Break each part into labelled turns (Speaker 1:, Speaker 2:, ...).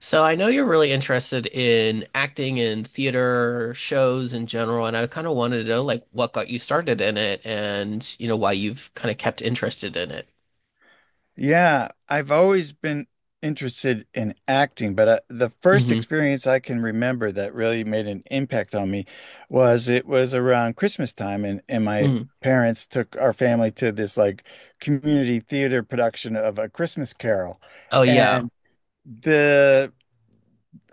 Speaker 1: So I know you're really interested in acting and theater shows in general, and I kind of wanted to know like what got you started in it and why you've kind of kept interested in it.
Speaker 2: Yeah, I've always been interested in acting, but the first
Speaker 1: Hmm.
Speaker 2: experience I can remember that really made an impact on me was it was around Christmas time, and my
Speaker 1: Mm.
Speaker 2: parents took our family to this like community theater production of A Christmas Carol.
Speaker 1: Oh yeah.
Speaker 2: And the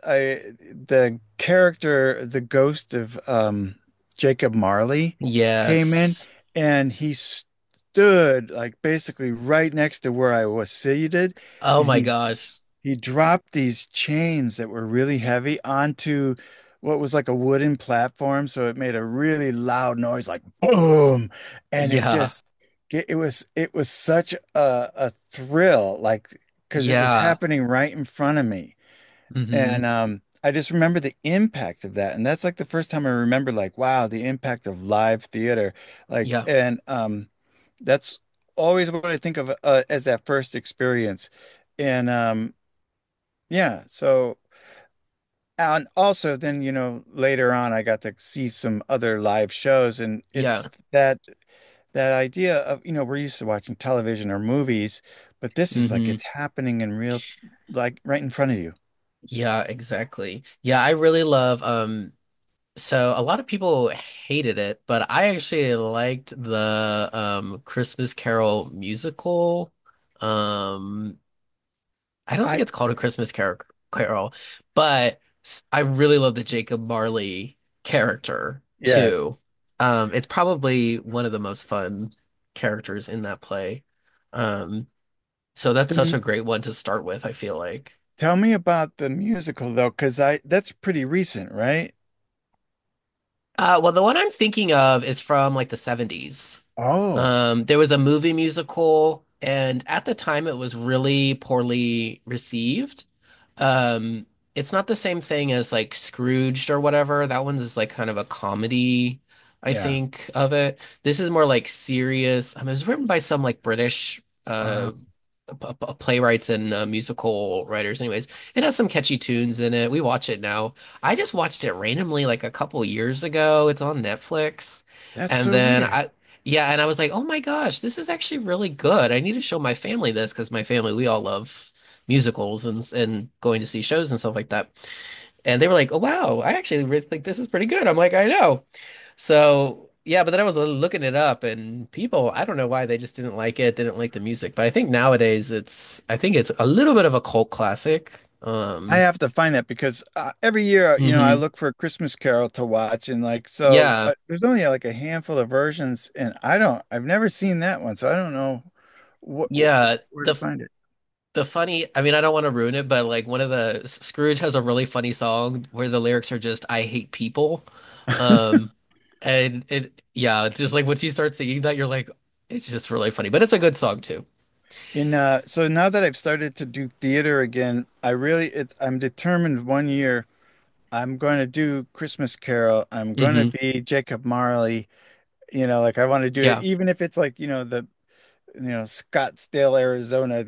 Speaker 2: I the character, the ghost of Jacob Marley came in
Speaker 1: Yes.
Speaker 2: and he stood like basically right next to where I was seated
Speaker 1: Oh
Speaker 2: and
Speaker 1: my
Speaker 2: he
Speaker 1: gosh.
Speaker 2: he dropped these chains that were really heavy onto what was like a wooden platform, so it made a really loud noise like boom. And it
Speaker 1: Yeah.
Speaker 2: just it was such a thrill, like because it was
Speaker 1: Yeah.
Speaker 2: happening right in front of me.
Speaker 1: Hmm.
Speaker 2: And I just remember the impact of that. And that's like the first time I remember, like, wow, the impact of live theater. Like,
Speaker 1: Yeah.
Speaker 2: and that's always what I think of as that first experience. And yeah, so and also then, you know, later on I got to see some other live shows, and
Speaker 1: Yeah.
Speaker 2: it's that idea of, you know, we're used to watching television or movies, but this is like
Speaker 1: Hmm.
Speaker 2: it's happening in real, like right in front of you.
Speaker 1: Yeah, exactly. Yeah, I really love. So a lot of people hated it, but I actually liked the Christmas Carol musical. Um I don't think
Speaker 2: I,
Speaker 1: it's called a Christmas Carol, but I really love the Jacob Marley character
Speaker 2: yes.
Speaker 1: too. It's probably one of the most fun characters in that play. Um so that's such
Speaker 2: The
Speaker 1: a great one to start with, I feel like.
Speaker 2: Tell me about the musical though, because I that's pretty recent, right?
Speaker 1: Well, the one I'm thinking of is from like the '70s.
Speaker 2: Oh,
Speaker 1: There was a movie musical, and at the time it was really poorly received. Um, it's not the same thing as like Scrooged or whatever. That one's is like kind of a comedy, I
Speaker 2: yeah.
Speaker 1: think, of it. This is more like serious. It was written by some like British
Speaker 2: Wow.
Speaker 1: uh playwrights and musical writers. Anyways, it has some catchy tunes in it. We watch it now. I just watched it randomly like a couple years ago. It's on Netflix,
Speaker 2: That's
Speaker 1: and
Speaker 2: so
Speaker 1: then
Speaker 2: weird.
Speaker 1: I yeah, and I was like, oh my gosh, this is actually really good. I need to show my family this because my family, we all love musicals and going to see shows and stuff like that. And they were like, oh wow, I actually really think this is pretty good. I'm like, I know. So yeah, but then I was looking it up, and people, I don't know why, they just didn't like it, didn't like the music. But I think nowadays it's, I think it's a little bit of a cult classic.
Speaker 2: I have to find that because every year, you know, I
Speaker 1: Mhm.
Speaker 2: look for a Christmas Carol to watch, and like so
Speaker 1: Yeah,
Speaker 2: there's only like a handful of versions, and I've never seen that one, so I don't know what,
Speaker 1: yeah.
Speaker 2: where
Speaker 1: The
Speaker 2: to
Speaker 1: f-
Speaker 2: find it.
Speaker 1: the funny, I mean, I don't want to ruin it, but like one of the Scrooge has a really funny song where the lyrics are just "I hate people," um, and yeah, it's just like once you start singing that, you're like, it's just really funny. But it's a good song too.
Speaker 2: And so now that I've started to do theater again, I really it's I'm determined one year I'm going to do Christmas Carol. I'm going to
Speaker 1: Hmm.
Speaker 2: be Jacob Marley. You know, like I want to do it,
Speaker 1: Yeah.
Speaker 2: even if it's like, you know, you know, Scottsdale, Arizona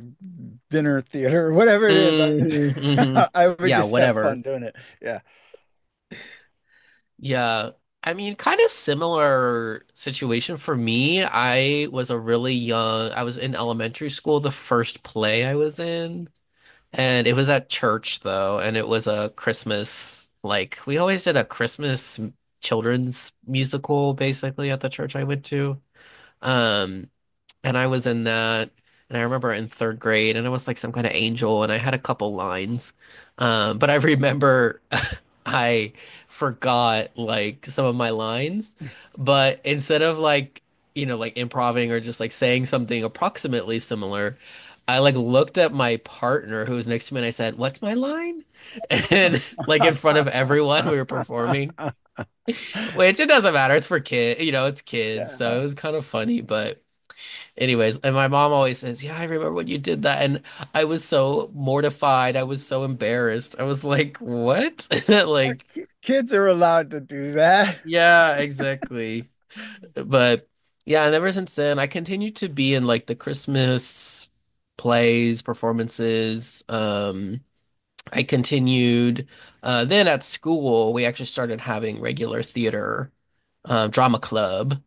Speaker 2: dinner theater or whatever it is. I
Speaker 1: Hmm.
Speaker 2: just,
Speaker 1: Hmm.
Speaker 2: I would
Speaker 1: Yeah.
Speaker 2: just have fun
Speaker 1: Whatever.
Speaker 2: doing it. Yeah.
Speaker 1: Yeah. I mean, kind of similar situation for me. I was a really young, I was in elementary school, the first play I was in, and it was at church though, and it was a Christmas, like we always did a Christmas children's musical basically at the church I went to. Um, and I was in that, and I remember in third grade, and I was like some kind of angel, and I had a couple lines. But I remember I forgot like some of my lines, but instead of like, like improvising or just like saying something approximately similar, I like looked at my partner who was next to me and I said, "What's my line?" And like in front of everyone we were performing, which it doesn't matter, it's for kid, it's kids, so it
Speaker 2: Yeah.
Speaker 1: was kind of funny, but. Anyways, and my mom always says, "Yeah, I remember when you did that." And I was so mortified. I was so embarrassed. I was like, "What?" Like,
Speaker 2: Kids are allowed to do that.
Speaker 1: yeah, exactly. But yeah, and ever since then, I continue to be in like the Christmas plays, performances. I continued, then at school, we actually started having regular theater, drama club.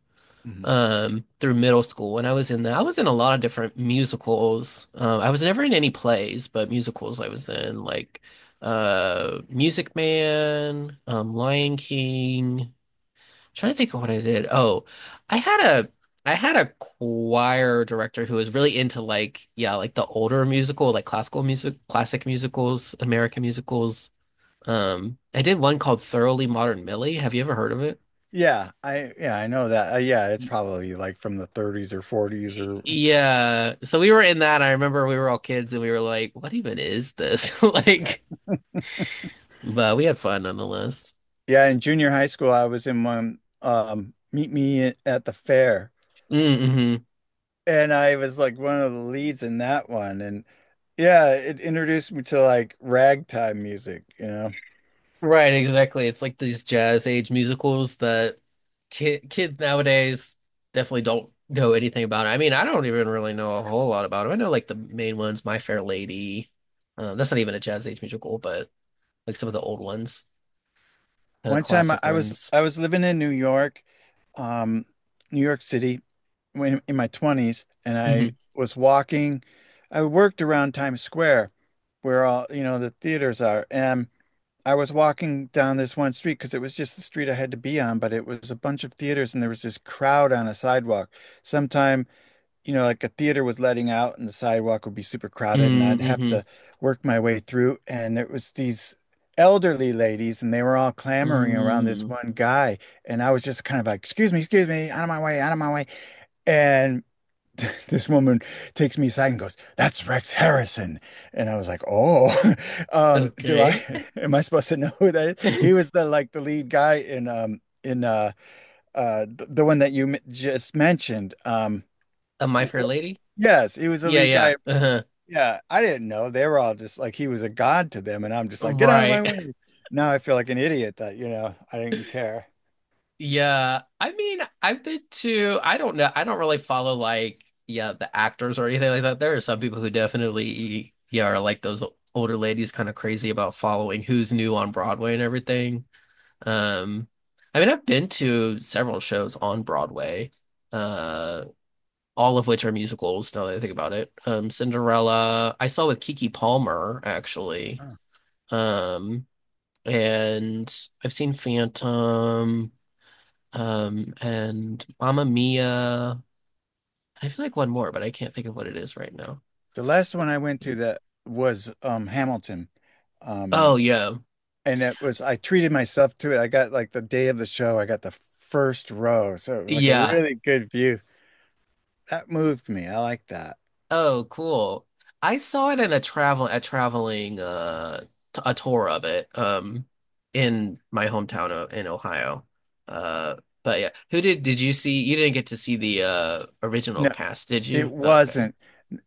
Speaker 1: Through middle school, and I was in a lot of different musicals. I was never in any plays, but musicals I was in like Music Man, Lion King. Trying to think of what I did. Oh, I had a I had a choir director who was really into like yeah, like the older musical, like classical music, classic musicals, American musicals. I did one called Thoroughly Modern Millie. Have you ever heard of it?
Speaker 2: Yeah, I know that. Yeah, it's probably like from the 30s or 40s or
Speaker 1: Yeah. So we were in that. I remember we were all kids and we were like, what even is this? Like, but we had fun nonetheless.
Speaker 2: yeah, in junior high school I was in one Meet Me at the Fair,
Speaker 1: Mm-hmm.
Speaker 2: and I was like one of the leads in that one. And yeah, it introduced me to like ragtime music, you know.
Speaker 1: Right, exactly. It's like these jazz age musicals that ki kids nowadays definitely don't know anything about. I mean, I don't even really know a whole lot about them. I know like the main ones, My Fair Lady. That's not even a jazz age musical, but like some of the old ones, kind of
Speaker 2: One time
Speaker 1: classic ones.
Speaker 2: I was living in New York, um New York City, when in my 20s. And I
Speaker 1: Mm-hmm.
Speaker 2: was walking, I worked around Times Square where all, you know, the theaters are. And I was walking down this one street because it was just the street I had to be on, but it was a bunch of theaters, and there was this crowd on a sidewalk. Sometime, you know, like a theater was letting out and the sidewalk would be super crowded and I'd have
Speaker 1: Mm-hmm.
Speaker 2: to work my way through. And it was these elderly ladies, and they were all clamoring around
Speaker 1: Mm-hmm.
Speaker 2: this
Speaker 1: Mm-hmm.
Speaker 2: one guy. And I was just kind of like, excuse me, out of my way, out of my way. And this woman takes me aside and goes, "That's Rex Harrison," and I was like, "Oh, do I?
Speaker 1: Okay.
Speaker 2: Am I supposed to know who that is?" He was the like the lead guy in the one that you m just mentioned.
Speaker 1: A My Fair
Speaker 2: W-
Speaker 1: Lady?
Speaker 2: yes, he was the
Speaker 1: Yeah,
Speaker 2: lead
Speaker 1: yeah.
Speaker 2: guy.
Speaker 1: Uh-huh.
Speaker 2: Yeah, I didn't know they were all just like he was a god to them, and I'm just like, "Get out of my
Speaker 1: Right.
Speaker 2: way!" Now I feel like an idiot that you know I didn't care.
Speaker 1: Yeah. I mean, I don't know, I don't really follow like, yeah, the actors or anything like that. There are some people who definitely, yeah, are like those older ladies, kind of crazy about following who's new on Broadway and everything. Um, I mean, I've been to several shows on Broadway, uh, all of which are musicals now that I think about it. Cinderella, I saw with Kiki Palmer actually.
Speaker 2: Huh.
Speaker 1: Um, and I've seen Phantom, and Mamma Mia. I feel like one more, but I can't think of what it is right now.
Speaker 2: The last one I went to that was Hamilton.
Speaker 1: Oh
Speaker 2: Um
Speaker 1: yeah,
Speaker 2: and it was I treated myself to it. I got like the day of the show, I got the first row. So it was like a
Speaker 1: yeah.
Speaker 2: really good view. That moved me. I like that.
Speaker 1: Oh, cool. I saw it in a traveling a tour of it in my hometown in Ohio. Uh, but yeah, who did you see? You didn't get to see the original
Speaker 2: No,
Speaker 1: cast, did
Speaker 2: it
Speaker 1: you? Okay.
Speaker 2: wasn't.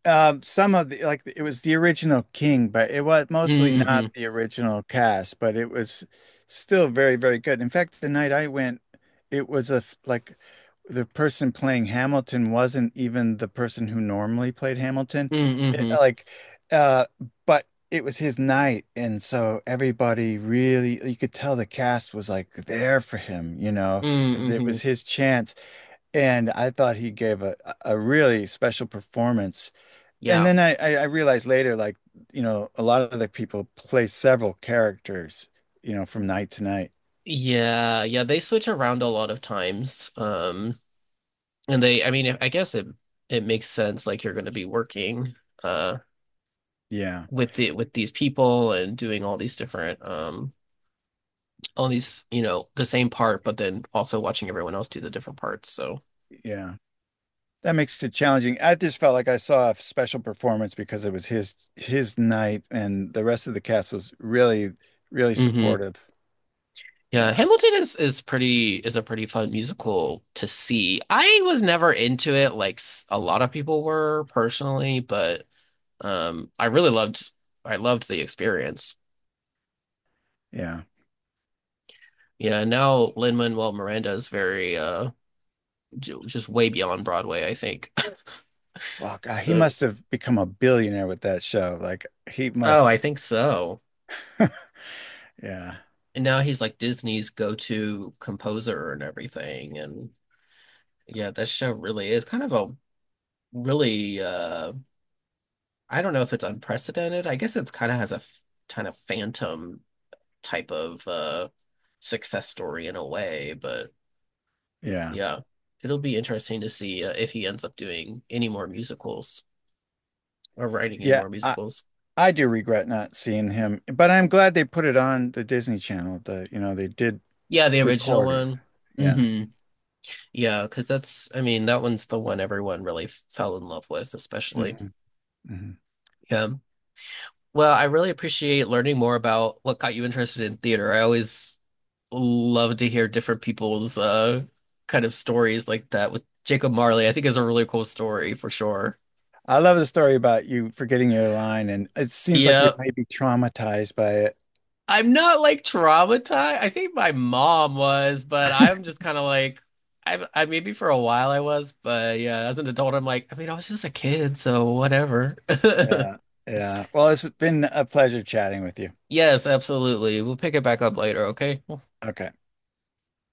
Speaker 2: Some of the like it was the original King, but it was mostly not
Speaker 1: Mm-hmm.
Speaker 2: the original cast, but it was still very, very good. In fact, the night I went, it was like the person playing Hamilton wasn't even the person who normally played Hamilton. It-
Speaker 1: Mm-hmm.
Speaker 2: like, uh, but it was his night, and so everybody really you could tell the cast was like there for him, you know, because it
Speaker 1: Mm-hmm.
Speaker 2: was his chance. And I thought he gave a really special performance. And
Speaker 1: Yeah.
Speaker 2: then I realized later, like, you know, a lot of the people play several characters, you know, from night to night.
Speaker 1: Yeah, yeah, they switch around a lot of times. And they, I mean, I guess it makes sense like you're going to be working uh
Speaker 2: Yeah.
Speaker 1: with these people and doing all these different all these, the same part, but then also watching everyone else do the different parts. So,
Speaker 2: Yeah. That makes it challenging. I just felt like I saw a special performance because it was his night, and the rest of the cast was really, really
Speaker 1: hmm
Speaker 2: supportive.
Speaker 1: yeah,
Speaker 2: Yeah.
Speaker 1: Hamilton is a pretty fun musical to see. I was never into it like a lot of people were personally, but um I really loved I loved the experience.
Speaker 2: Yeah.
Speaker 1: Yeah, now Lin-Manuel Miranda is very just way beyond Broadway, I think.
Speaker 2: Well, God, he
Speaker 1: So,
Speaker 2: must have become a billionaire with that show. Like he
Speaker 1: oh,
Speaker 2: must,
Speaker 1: I think so.
Speaker 2: yeah.
Speaker 1: And now he's like Disney's go-to composer and everything. And yeah, that show really is kind of a really, I don't know if it's unprecedented. I guess it's kind of has kind of phantom type of success story in a way, but
Speaker 2: Yeah.
Speaker 1: yeah, it'll be interesting to see if he ends up doing any more musicals or writing any
Speaker 2: Yeah.
Speaker 1: more musicals.
Speaker 2: I do regret not seeing him, but I'm glad they put it on the Disney Channel. You know, they did
Speaker 1: Yeah, the original
Speaker 2: recorded.
Speaker 1: one.
Speaker 2: Yeah.
Speaker 1: Hmm. Yeah, because that's, I mean, that one's the one everyone really fell in love with, especially.
Speaker 2: hmm hmm
Speaker 1: Yeah. Well, I really appreciate learning more about what got you interested in theater. I always love to hear different people's kind of stories like that with Jacob Marley. I think is a really cool story for sure.
Speaker 2: I love the story about you forgetting your line, and it seems like you
Speaker 1: Yeah.
Speaker 2: may be traumatized by it.
Speaker 1: I'm not like traumatized. I think my mom was, but I'm just kind of like, I maybe for a while I was, but yeah, as an adult, I'm like, I mean, I was just a kid, so whatever.
Speaker 2: Yeah. Yeah. Well, it's been a pleasure chatting with you.
Speaker 1: Yes, absolutely. We'll pick it back up later, okay?
Speaker 2: Okay.